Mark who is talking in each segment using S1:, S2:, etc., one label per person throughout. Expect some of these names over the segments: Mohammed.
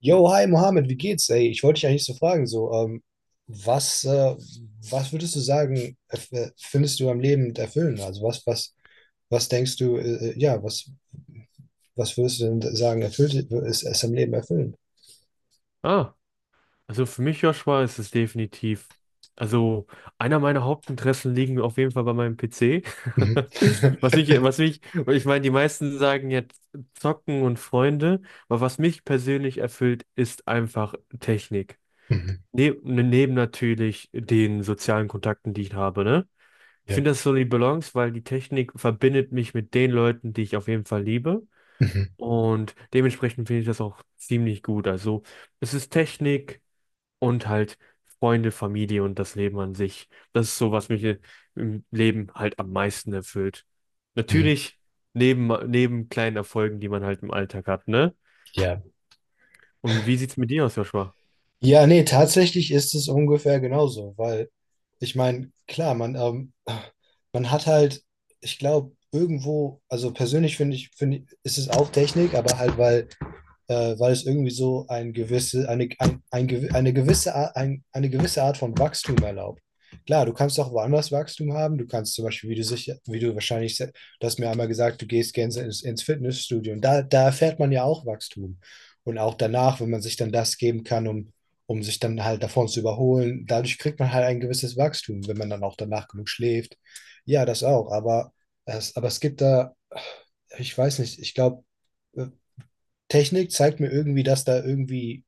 S1: Yo, hi Mohammed, wie geht's? Ey, ich wollte dich eigentlich so fragen, was, äh, was würdest du sagen, findest du am Leben erfüllend? Was denkst du, ja, was würdest du denn sagen, ist am Leben erfüllend?
S2: Ah, also für mich, Joshua, ist es definitiv. Also, einer meiner Hauptinteressen liegen auf jeden Fall bei meinem PC.
S1: Mhm.
S2: Und ich meine, die meisten sagen jetzt Zocken und Freunde, aber was mich persönlich erfüllt, ist einfach Technik.
S1: Mhm.
S2: Ne, neben natürlich den sozialen Kontakten, die ich habe, ne? Ich
S1: Ja.
S2: finde das so die Balance, weil die Technik verbindet mich mit den Leuten, die ich auf jeden Fall liebe.
S1: Mhm.
S2: Und dementsprechend finde ich das auch ziemlich gut. Also, es ist Technik und halt Freunde, Familie und das Leben an sich. Das ist so, was mich im Leben halt am meisten erfüllt.
S1: Mhm.
S2: Natürlich neben kleinen Erfolgen, die man halt im Alltag hat, ne?
S1: Ja.
S2: Und wie sieht's mit dir aus, Joshua?
S1: Ja, nee, tatsächlich ist es ungefähr genauso, weil ich meine, klar, man, man hat halt, ich glaube, irgendwo, also persönlich finde ich, ist es auch Technik, aber halt, weil weil es irgendwie so ein gewisse, eine, ein, eine, gewisse, Ar- ein, eine gewisse Art von Wachstum erlaubt. Klar, du kannst auch woanders Wachstum haben. Du kannst zum Beispiel, wie du wahrscheinlich, du hast mir einmal gesagt, du gehst gerne ins Fitnessstudio. Und da erfährt man ja auch Wachstum. Und auch danach, wenn man sich dann das geben kann, um sich dann halt davon zu überholen, dadurch kriegt man halt ein gewisses Wachstum, wenn man dann auch danach genug schläft. Ja, das auch. Aber aber es gibt da, ich weiß nicht, ich glaube, äh, Technik zeigt mir irgendwie, dass da irgendwie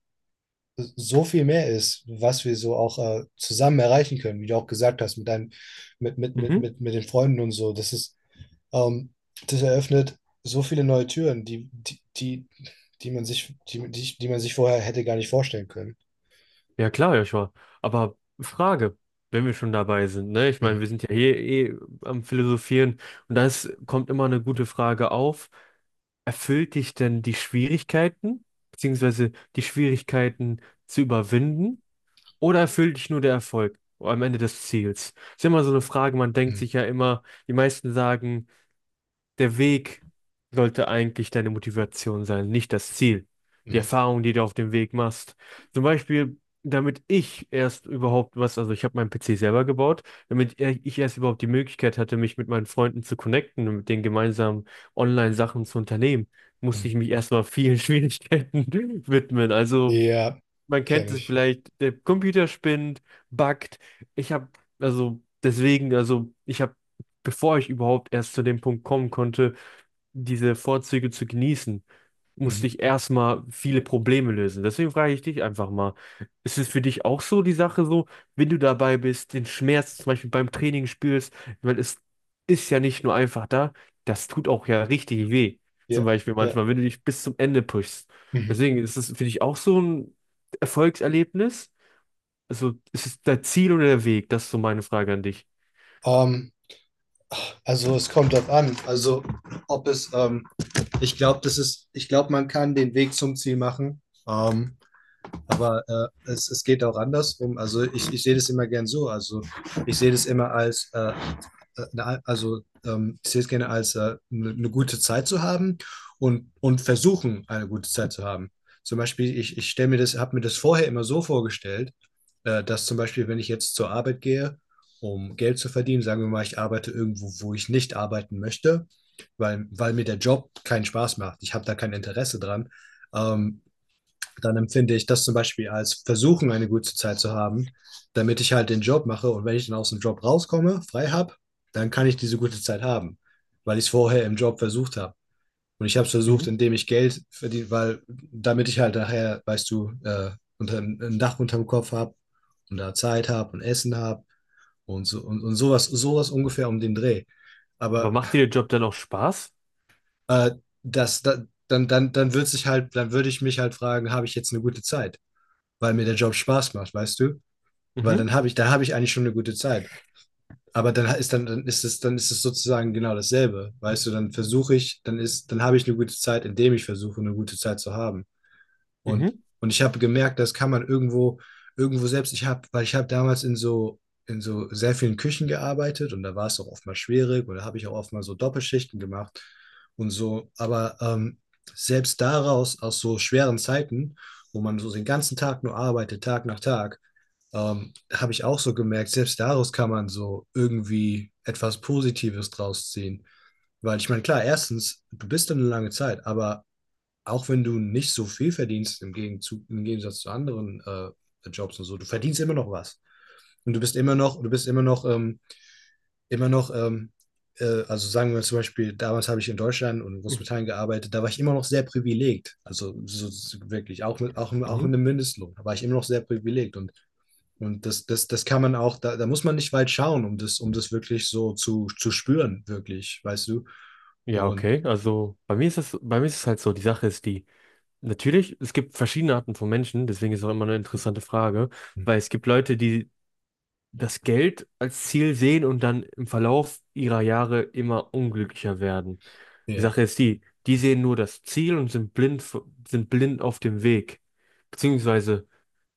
S1: so viel mehr ist, was wir so auch zusammen erreichen können, wie du auch gesagt hast, mit deinen,
S2: Mhm.
S1: mit den Freunden und so. Ähm, das eröffnet so viele neue Türen, die man sich, die man sich vorher hätte gar nicht vorstellen können.
S2: Ja klar, Joshua. Aber Frage, wenn wir schon dabei sind, ne? Ich meine,
S1: Mhm.
S2: wir sind ja hier eh am Philosophieren und kommt immer eine gute Frage auf. Erfüllt dich denn die Schwierigkeiten, beziehungsweise die Schwierigkeiten zu überwinden? Oder erfüllt dich nur der Erfolg am Ende des Ziels? Ist ja immer so eine Frage, man denkt sich ja
S1: Mhm.
S2: immer, die meisten sagen, der Weg sollte eigentlich deine Motivation sein, nicht das Ziel. Die
S1: Mhm.
S2: Erfahrung, die du auf dem Weg machst. Zum Beispiel, damit ich erst überhaupt was, also ich habe meinen PC selber gebaut, damit ich erst überhaupt die Möglichkeit hatte, mich mit meinen Freunden zu connecten und mit denen gemeinsam Online-Sachen zu unternehmen, musste
S1: Mhm.
S2: ich mich erstmal vielen Schwierigkeiten widmen. Also
S1: Ja,
S2: man kennt
S1: kenne
S2: es
S1: ich.
S2: vielleicht, der Computer spinnt, buggt. Ich habe, also deswegen, also ich habe, bevor ich überhaupt erst zu dem Punkt kommen konnte, diese Vorzüge zu genießen, musste
S1: Mhm.
S2: ich erstmal viele Probleme lösen. Deswegen frage ich dich einfach mal, ist es für dich auch so die Sache so, wenn du dabei bist, den Schmerz zum Beispiel beim Training spürst, weil es ist ja nicht nur einfach da, das tut auch ja richtig weh. Zum
S1: Ja,
S2: Beispiel
S1: ja.
S2: manchmal, wenn du dich bis zum Ende pushst.
S1: Mhm.
S2: Deswegen ist es für dich auch so ein Erfolgserlebnis. Also ist es dein Ziel oder der Weg? Das ist so meine Frage an dich.
S1: Ähm, Also es kommt drauf an. Also ob es, ähm, ich glaube, ich glaube, man kann den Weg zum Ziel machen. Ähm, aber es geht auch andersrum. Ich sehe das immer gern so. Also ich sehe das immer als, eine, also ich sehe es gerne als eine gute Zeit zu haben und versuchen, eine gute Zeit zu haben. Ich stelle mir das, habe mir das vorher immer so vorgestellt, dass zum Beispiel, wenn ich jetzt zur Arbeit gehe, um Geld zu verdienen, sagen wir mal, ich arbeite irgendwo, wo ich nicht arbeiten möchte, weil mir der Job keinen Spaß macht. Ich habe da kein Interesse dran. Ähm, Dann empfinde ich das zum Beispiel als Versuchen, eine gute Zeit zu haben, damit ich halt den Job mache. Und wenn ich dann aus dem Job rauskomme, frei habe, dann kann ich diese gute Zeit haben, weil ich es vorher im Job versucht habe. Und ich habe es versucht,
S2: Mhm.
S1: indem ich Geld verdiene, weil damit ich halt nachher, weißt du, ein Dach unterm Kopf habe und da Zeit habe und Essen habe und so und sowas, sowas ungefähr um den Dreh.
S2: Aber
S1: Aber
S2: macht dir der Job dann auch Spaß?
S1: äh, das, da, dann, dann, dann würde sich halt, dann würde ich mich halt fragen, habe ich jetzt eine gute Zeit? Weil mir der Job Spaß macht, weißt du? Weil
S2: Mhm,
S1: dann habe ich, da habe ich eigentlich schon eine gute Zeit. Aber dann ist es sozusagen genau dasselbe. Weißt du, dann versuche ich, dann ist, dann habe ich eine gute Zeit, indem ich versuche, eine gute Zeit zu haben.
S2: mhm,
S1: Und, und ich habe gemerkt, das kann man irgendwo selbst, weil ich habe damals in so sehr vielen Küchen gearbeitet, und da war es auch oftmals schwierig, oder habe ich auch oftmals so Doppelschichten gemacht und so. Aber selbst daraus, aus so schweren Zeiten, wo man so den ganzen Tag nur arbeitet, Tag nach Tag, habe ich auch so gemerkt, selbst daraus kann man so irgendwie etwas Positives draus ziehen. Weil ich meine, klar, erstens, du bist dann eine lange Zeit, aber auch wenn du nicht so viel verdienst im Gegenzug, im Gegensatz zu anderen Jobs und so, du verdienst immer noch was. Und du bist immer noch, du bist immer noch, also sagen wir zum Beispiel, damals habe ich in Deutschland und in
S2: mhm,
S1: Großbritannien gearbeitet, da war ich immer noch sehr privilegiert. Also so, so wirklich, auch
S2: mhm.
S1: mit einem Mindestlohn, da war ich immer noch sehr privilegiert. Das kann man auch, da muss man nicht weit schauen, um das wirklich so zu spüren, wirklich, weißt du?
S2: Ja,
S1: Und
S2: okay. Bei mir ist es halt so, die Sache ist die, natürlich, es gibt verschiedene Arten von Menschen, deswegen ist auch immer eine interessante Frage, weil es gibt Leute, die das Geld als Ziel sehen und dann im Verlauf ihrer Jahre immer unglücklicher werden. Die
S1: ja,
S2: Sache ist die, die sehen nur das Ziel und sind blind, sind blind auf dem Weg. Beziehungsweise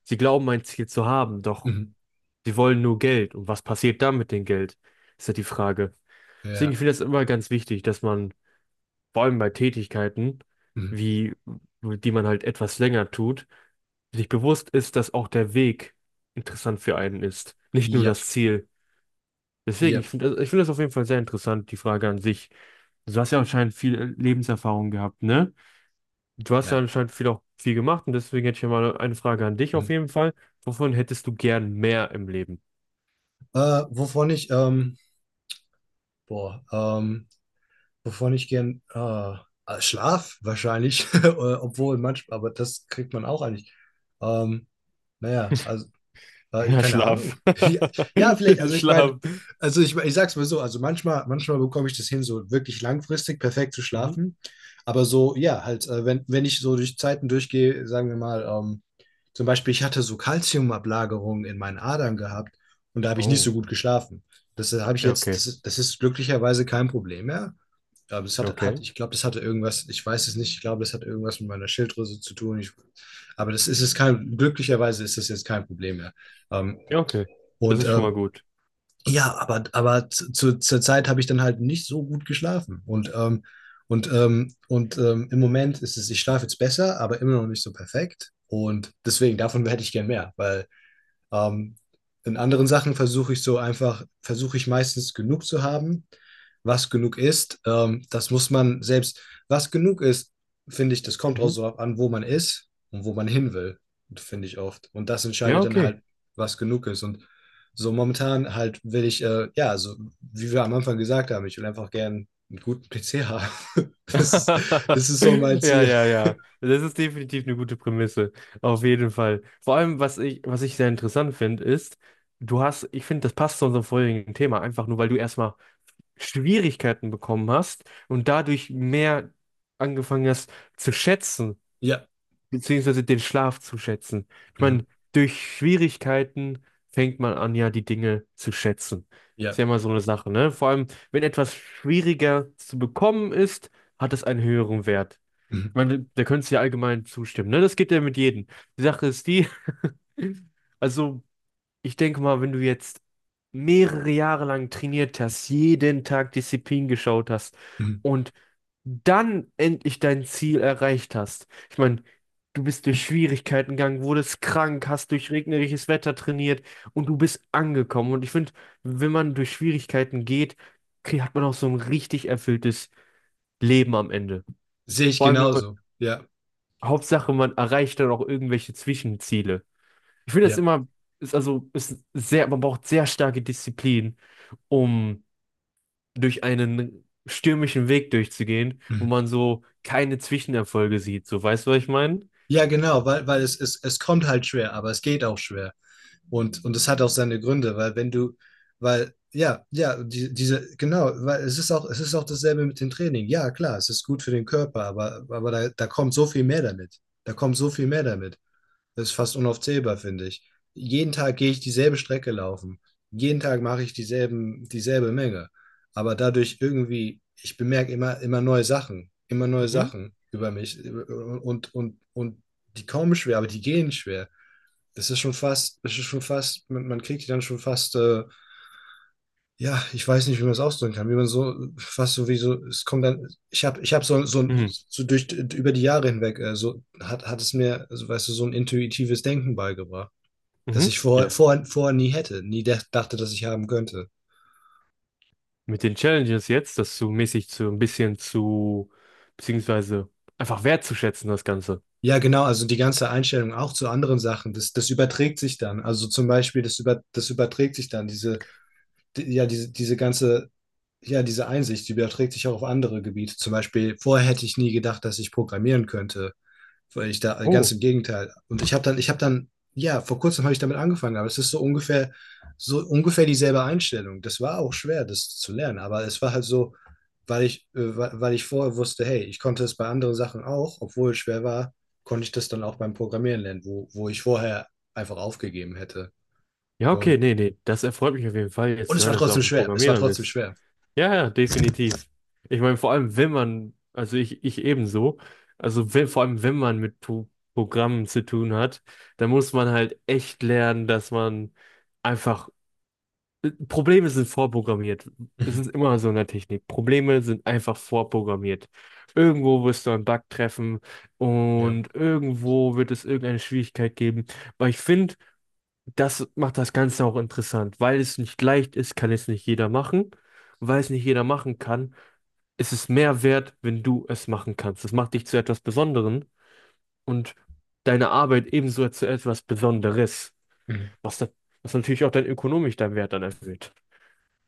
S2: sie glauben ein Ziel zu haben, doch
S1: mhm.
S2: sie wollen nur Geld. Und was passiert dann mit dem Geld? Ist ja die Frage. Deswegen
S1: Ja,
S2: finde ich das immer ganz wichtig, dass man vor allem bei Tätigkeiten,
S1: mhm.
S2: wie, die man halt etwas länger tut, sich bewusst ist, dass auch der Weg interessant für einen ist, nicht nur
S1: Ja,
S2: das Ziel. Deswegen,
S1: ja.
S2: ich finde das auf jeden Fall sehr interessant, die Frage an sich. Du hast ja anscheinend viel Lebenserfahrung gehabt, ne? Du hast ja
S1: Ja.
S2: anscheinend viel gemacht und deswegen hätte ich ja mal eine Frage an dich auf
S1: Hm.
S2: jeden Fall. Wovon hättest du gern mehr im Leben?
S1: Äh, wovon ich, ähm, boah, ähm, Wovon ich gern, Schlaf wahrscheinlich, obwohl manchmal, aber das kriegt man auch eigentlich. Ähm, naja, also
S2: Ja,
S1: keine
S2: Schlaf.
S1: Ahnung. Ja, ja, vielleicht, also ich meine,
S2: Schlaf.
S1: ich sag's mal so, manchmal bekomme ich das hin, so wirklich langfristig perfekt zu
S2: Mhm.
S1: schlafen. Aber so, ja, halt, wenn ich so durch Zeiten durchgehe, sagen wir mal, zum Beispiel, ich hatte so Kalziumablagerungen in meinen Adern gehabt, und da habe ich nicht
S2: Oh,
S1: so gut geschlafen. Das habe ich
S2: ja,
S1: jetzt,
S2: okay.
S1: das ist, Das ist glücklicherweise kein Problem mehr. Ja,
S2: Okay.
S1: ich glaube, das hatte irgendwas, ich weiß es nicht, ich glaube, das hat irgendwas mit meiner Schilddrüse zu tun. Ich, aber das ist es kein, glücklicherweise ist das jetzt kein Problem mehr. Ähm,
S2: Ja, okay. Das
S1: und
S2: ist schon mal
S1: ähm,
S2: gut.
S1: ja, zur Zeit habe ich dann halt nicht so gut geschlafen. Im Moment ist es, ich schlafe jetzt besser, aber immer noch nicht so perfekt. Und deswegen, davon hätte ich gern mehr, weil ähm, in anderen Sachen versuche ich so einfach, versuche ich meistens genug zu haben. Was genug ist, das muss man selbst, was genug ist, finde ich, das kommt auch
S2: Mhm.
S1: so ab an, wo man ist und wo man hin will, finde ich oft. Und das
S2: Ja,
S1: entscheidet dann
S2: okay.
S1: halt, was genug ist. Und so momentan halt will ich, ja, so wie wir am Anfang gesagt haben, ich will einfach gern einen guten PC haben. Das ist, Das ist so mein
S2: Ja,
S1: Ziel.
S2: ja, ja. Das ist definitiv eine gute Prämisse. Auf jeden Fall. Vor allem, was ich sehr interessant finde, ist, du hast, ich finde, das passt zu unserem vorherigen Thema, einfach nur, weil du erstmal Schwierigkeiten bekommen hast und dadurch mehr angefangen hast zu schätzen,
S1: Ja.
S2: beziehungsweise den Schlaf zu schätzen. Ich
S1: Mhm.
S2: meine, durch Schwierigkeiten fängt man an, ja, die Dinge zu schätzen. Ist
S1: Ja.
S2: ja immer so eine Sache, ne? Vor allem, wenn etwas schwieriger zu bekommen ist, hat es einen höheren Wert.
S1: Mhm.
S2: Ich meine, da könntest du ja allgemein zustimmen, ne? Das geht ja mit jedem. Die Sache ist die, also ich denke mal, wenn du jetzt mehrere Jahre lang trainiert hast, jeden Tag Disziplin geschaut hast
S1: Mhm.
S2: und dann endlich dein Ziel erreicht hast. Ich meine, du bist durch Schwierigkeiten gegangen, wurdest krank, hast durch regnerisches Wetter trainiert und du bist angekommen. Und ich finde, wenn man durch Schwierigkeiten geht, hat man auch so ein richtig erfülltes Leben am Ende.
S1: Sehe ich
S2: Vor allem, wenn man,
S1: genauso. Ja.
S2: Hauptsache, man erreicht dann auch irgendwelche Zwischenziele. Ich finde das
S1: Ja.
S2: immer, ist also, ist sehr, man braucht sehr starke Disziplin, um durch einen stürmischen Weg durchzugehen, wo
S1: Mhm.
S2: man so keine Zwischenerfolge sieht. So, weißt du, was ich meine?
S1: Ja, genau, es kommt halt schwer, aber es geht auch schwer. Und es hat auch seine Gründe, weil wenn du, weil, ja, ja, die, diese, genau, weil es ist auch dasselbe mit dem Training. Ja, klar, es ist gut für den Körper, aber da, da kommt so viel mehr damit. Da kommt so viel mehr damit. Das ist fast unaufzählbar, finde ich. Jeden Tag gehe ich dieselbe Strecke laufen. Jeden Tag mache ich dieselbe Menge. Aber dadurch irgendwie, ich bemerke immer, immer neue
S2: Mhm.
S1: Sachen über mich und die kommen schwer, aber die gehen schwer. Das ist schon fast, man kriegt die dann schon fast, ja, ich weiß nicht, wie man es ausdrücken kann, wie man so, fast so wie so, es kommt dann, ich habe so, so,
S2: Mhm.
S1: so durch, über die Jahre hinweg, hat es mir, also, weißt du, so ein intuitives Denken beigebracht, das
S2: Mhm.
S1: ich
S2: Ja.
S1: vorher nie hätte, nie dä- dachte, dass ich haben könnte.
S2: Mit den Challenges jetzt, das zu mäßig zu ein bisschen zu, beziehungsweise einfach wertzuschätzen, das Ganze.
S1: Ja, genau, also die ganze Einstellung auch zu anderen Sachen, das überträgt sich dann. Also zum Beispiel, das, über, Das überträgt sich dann, diese, die, ja, diese, diese ganze, ja, diese Einsicht, die überträgt sich auch auf andere Gebiete. Zum Beispiel, vorher hätte ich nie gedacht, dass ich programmieren könnte. Weil ich da, ganz
S2: Oh.
S1: im Gegenteil. Und ich habe dann, ja, vor kurzem habe ich damit angefangen, aber es ist so ungefähr dieselbe Einstellung. Das war auch schwer, das zu lernen, aber es war halt so, weil weil ich vorher wusste, hey, ich konnte es bei anderen Sachen auch, obwohl es schwer war, konnte ich das dann auch beim Programmieren lernen, wo ich vorher einfach aufgegeben hätte.
S2: Ja, okay,
S1: Und,
S2: nee, nee. Das erfreut mich auf jeden Fall, jetzt
S1: und
S2: zu
S1: es
S2: hören,
S1: war
S2: dass du
S1: trotzdem
S2: auch ein
S1: schwer. Es war
S2: Programmierer
S1: trotzdem
S2: bist.
S1: schwer.
S2: Ja, ja, definitiv. Ich meine, vor allem, wenn man, also ich ebenso, also wenn, vor allem, wenn man mit Programmen zu tun hat, dann muss man halt echt lernen, dass man einfach, Probleme sind vorprogrammiert. Es
S1: Mhm.
S2: ist immer so in der Technik. Probleme sind einfach vorprogrammiert. Irgendwo wirst du einen Bug treffen
S1: Ja.
S2: und irgendwo wird es irgendeine Schwierigkeit geben. Aber ich finde, das macht das Ganze auch interessant. Weil es nicht leicht ist, kann es nicht jeder machen. Weil es nicht jeder machen kann, es ist mehr wert, wenn du es machen kannst. Das macht dich zu etwas Besonderem und deine Arbeit ebenso zu etwas Besonderes,
S1: Mhm.
S2: was, da, was natürlich auch dein ökonomisch deinen Wert dann erhöht.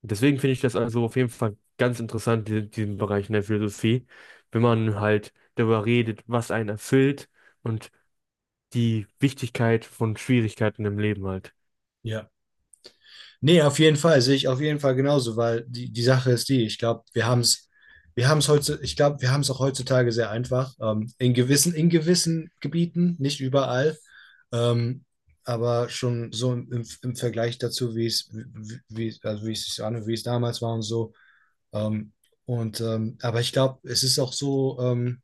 S2: Deswegen finde ich das also auf jeden Fall ganz interessant, diesen Bereich in der Philosophie, wenn man halt darüber redet, was einen erfüllt und die Wichtigkeit von Schwierigkeiten im Leben halt.
S1: Ja, nee, auf jeden Fall, sehe ich auf jeden Fall genauso, weil die, die Sache ist die, ich glaube, wir haben es heute, ich glaube, wir haben es auch heutzutage sehr einfach, in gewissen Gebieten, nicht überall, ähm, aber schon so im, im, im Vergleich dazu, wie es, wie, wie- also wie es sich an, wie es damals war und so. Ähm, aber ich glaube, es ist auch so,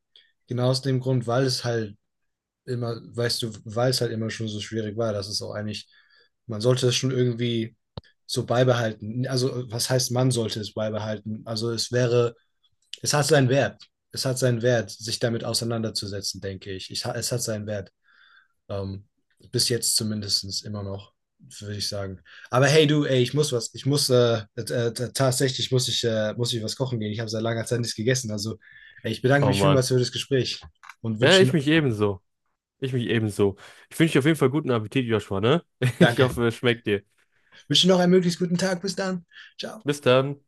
S1: genau aus dem Grund, weil es halt immer, weißt du, weil es halt immer schon so schwierig war, dass es auch eigentlich, man sollte es schon irgendwie so beibehalten. Also, was heißt, man sollte es beibehalten? Also, es wäre, es hat seinen Wert. Es hat seinen Wert, sich damit auseinanderzusetzen, denke ich. Es hat seinen Wert. Ähm, Bis jetzt zumindest immer noch, würde ich sagen. Aber hey, du, ey, ich muss was. Tatsächlich muss ich was kochen gehen. Ich habe seit langer Zeit nichts gegessen. Also, ey, ich bedanke
S2: Oh
S1: mich
S2: Mann.
S1: vielmals für das Gespräch und
S2: Ja, ich
S1: wünschen,
S2: mich ebenso. Ich mich ebenso. Ich wünsche dir auf jeden Fall guten Appetit, Joshua, ne? Ich
S1: danke.
S2: hoffe, es schmeckt dir.
S1: Wünsche noch einen möglichst guten Tag. Bis dann. Ciao.
S2: Bis dann.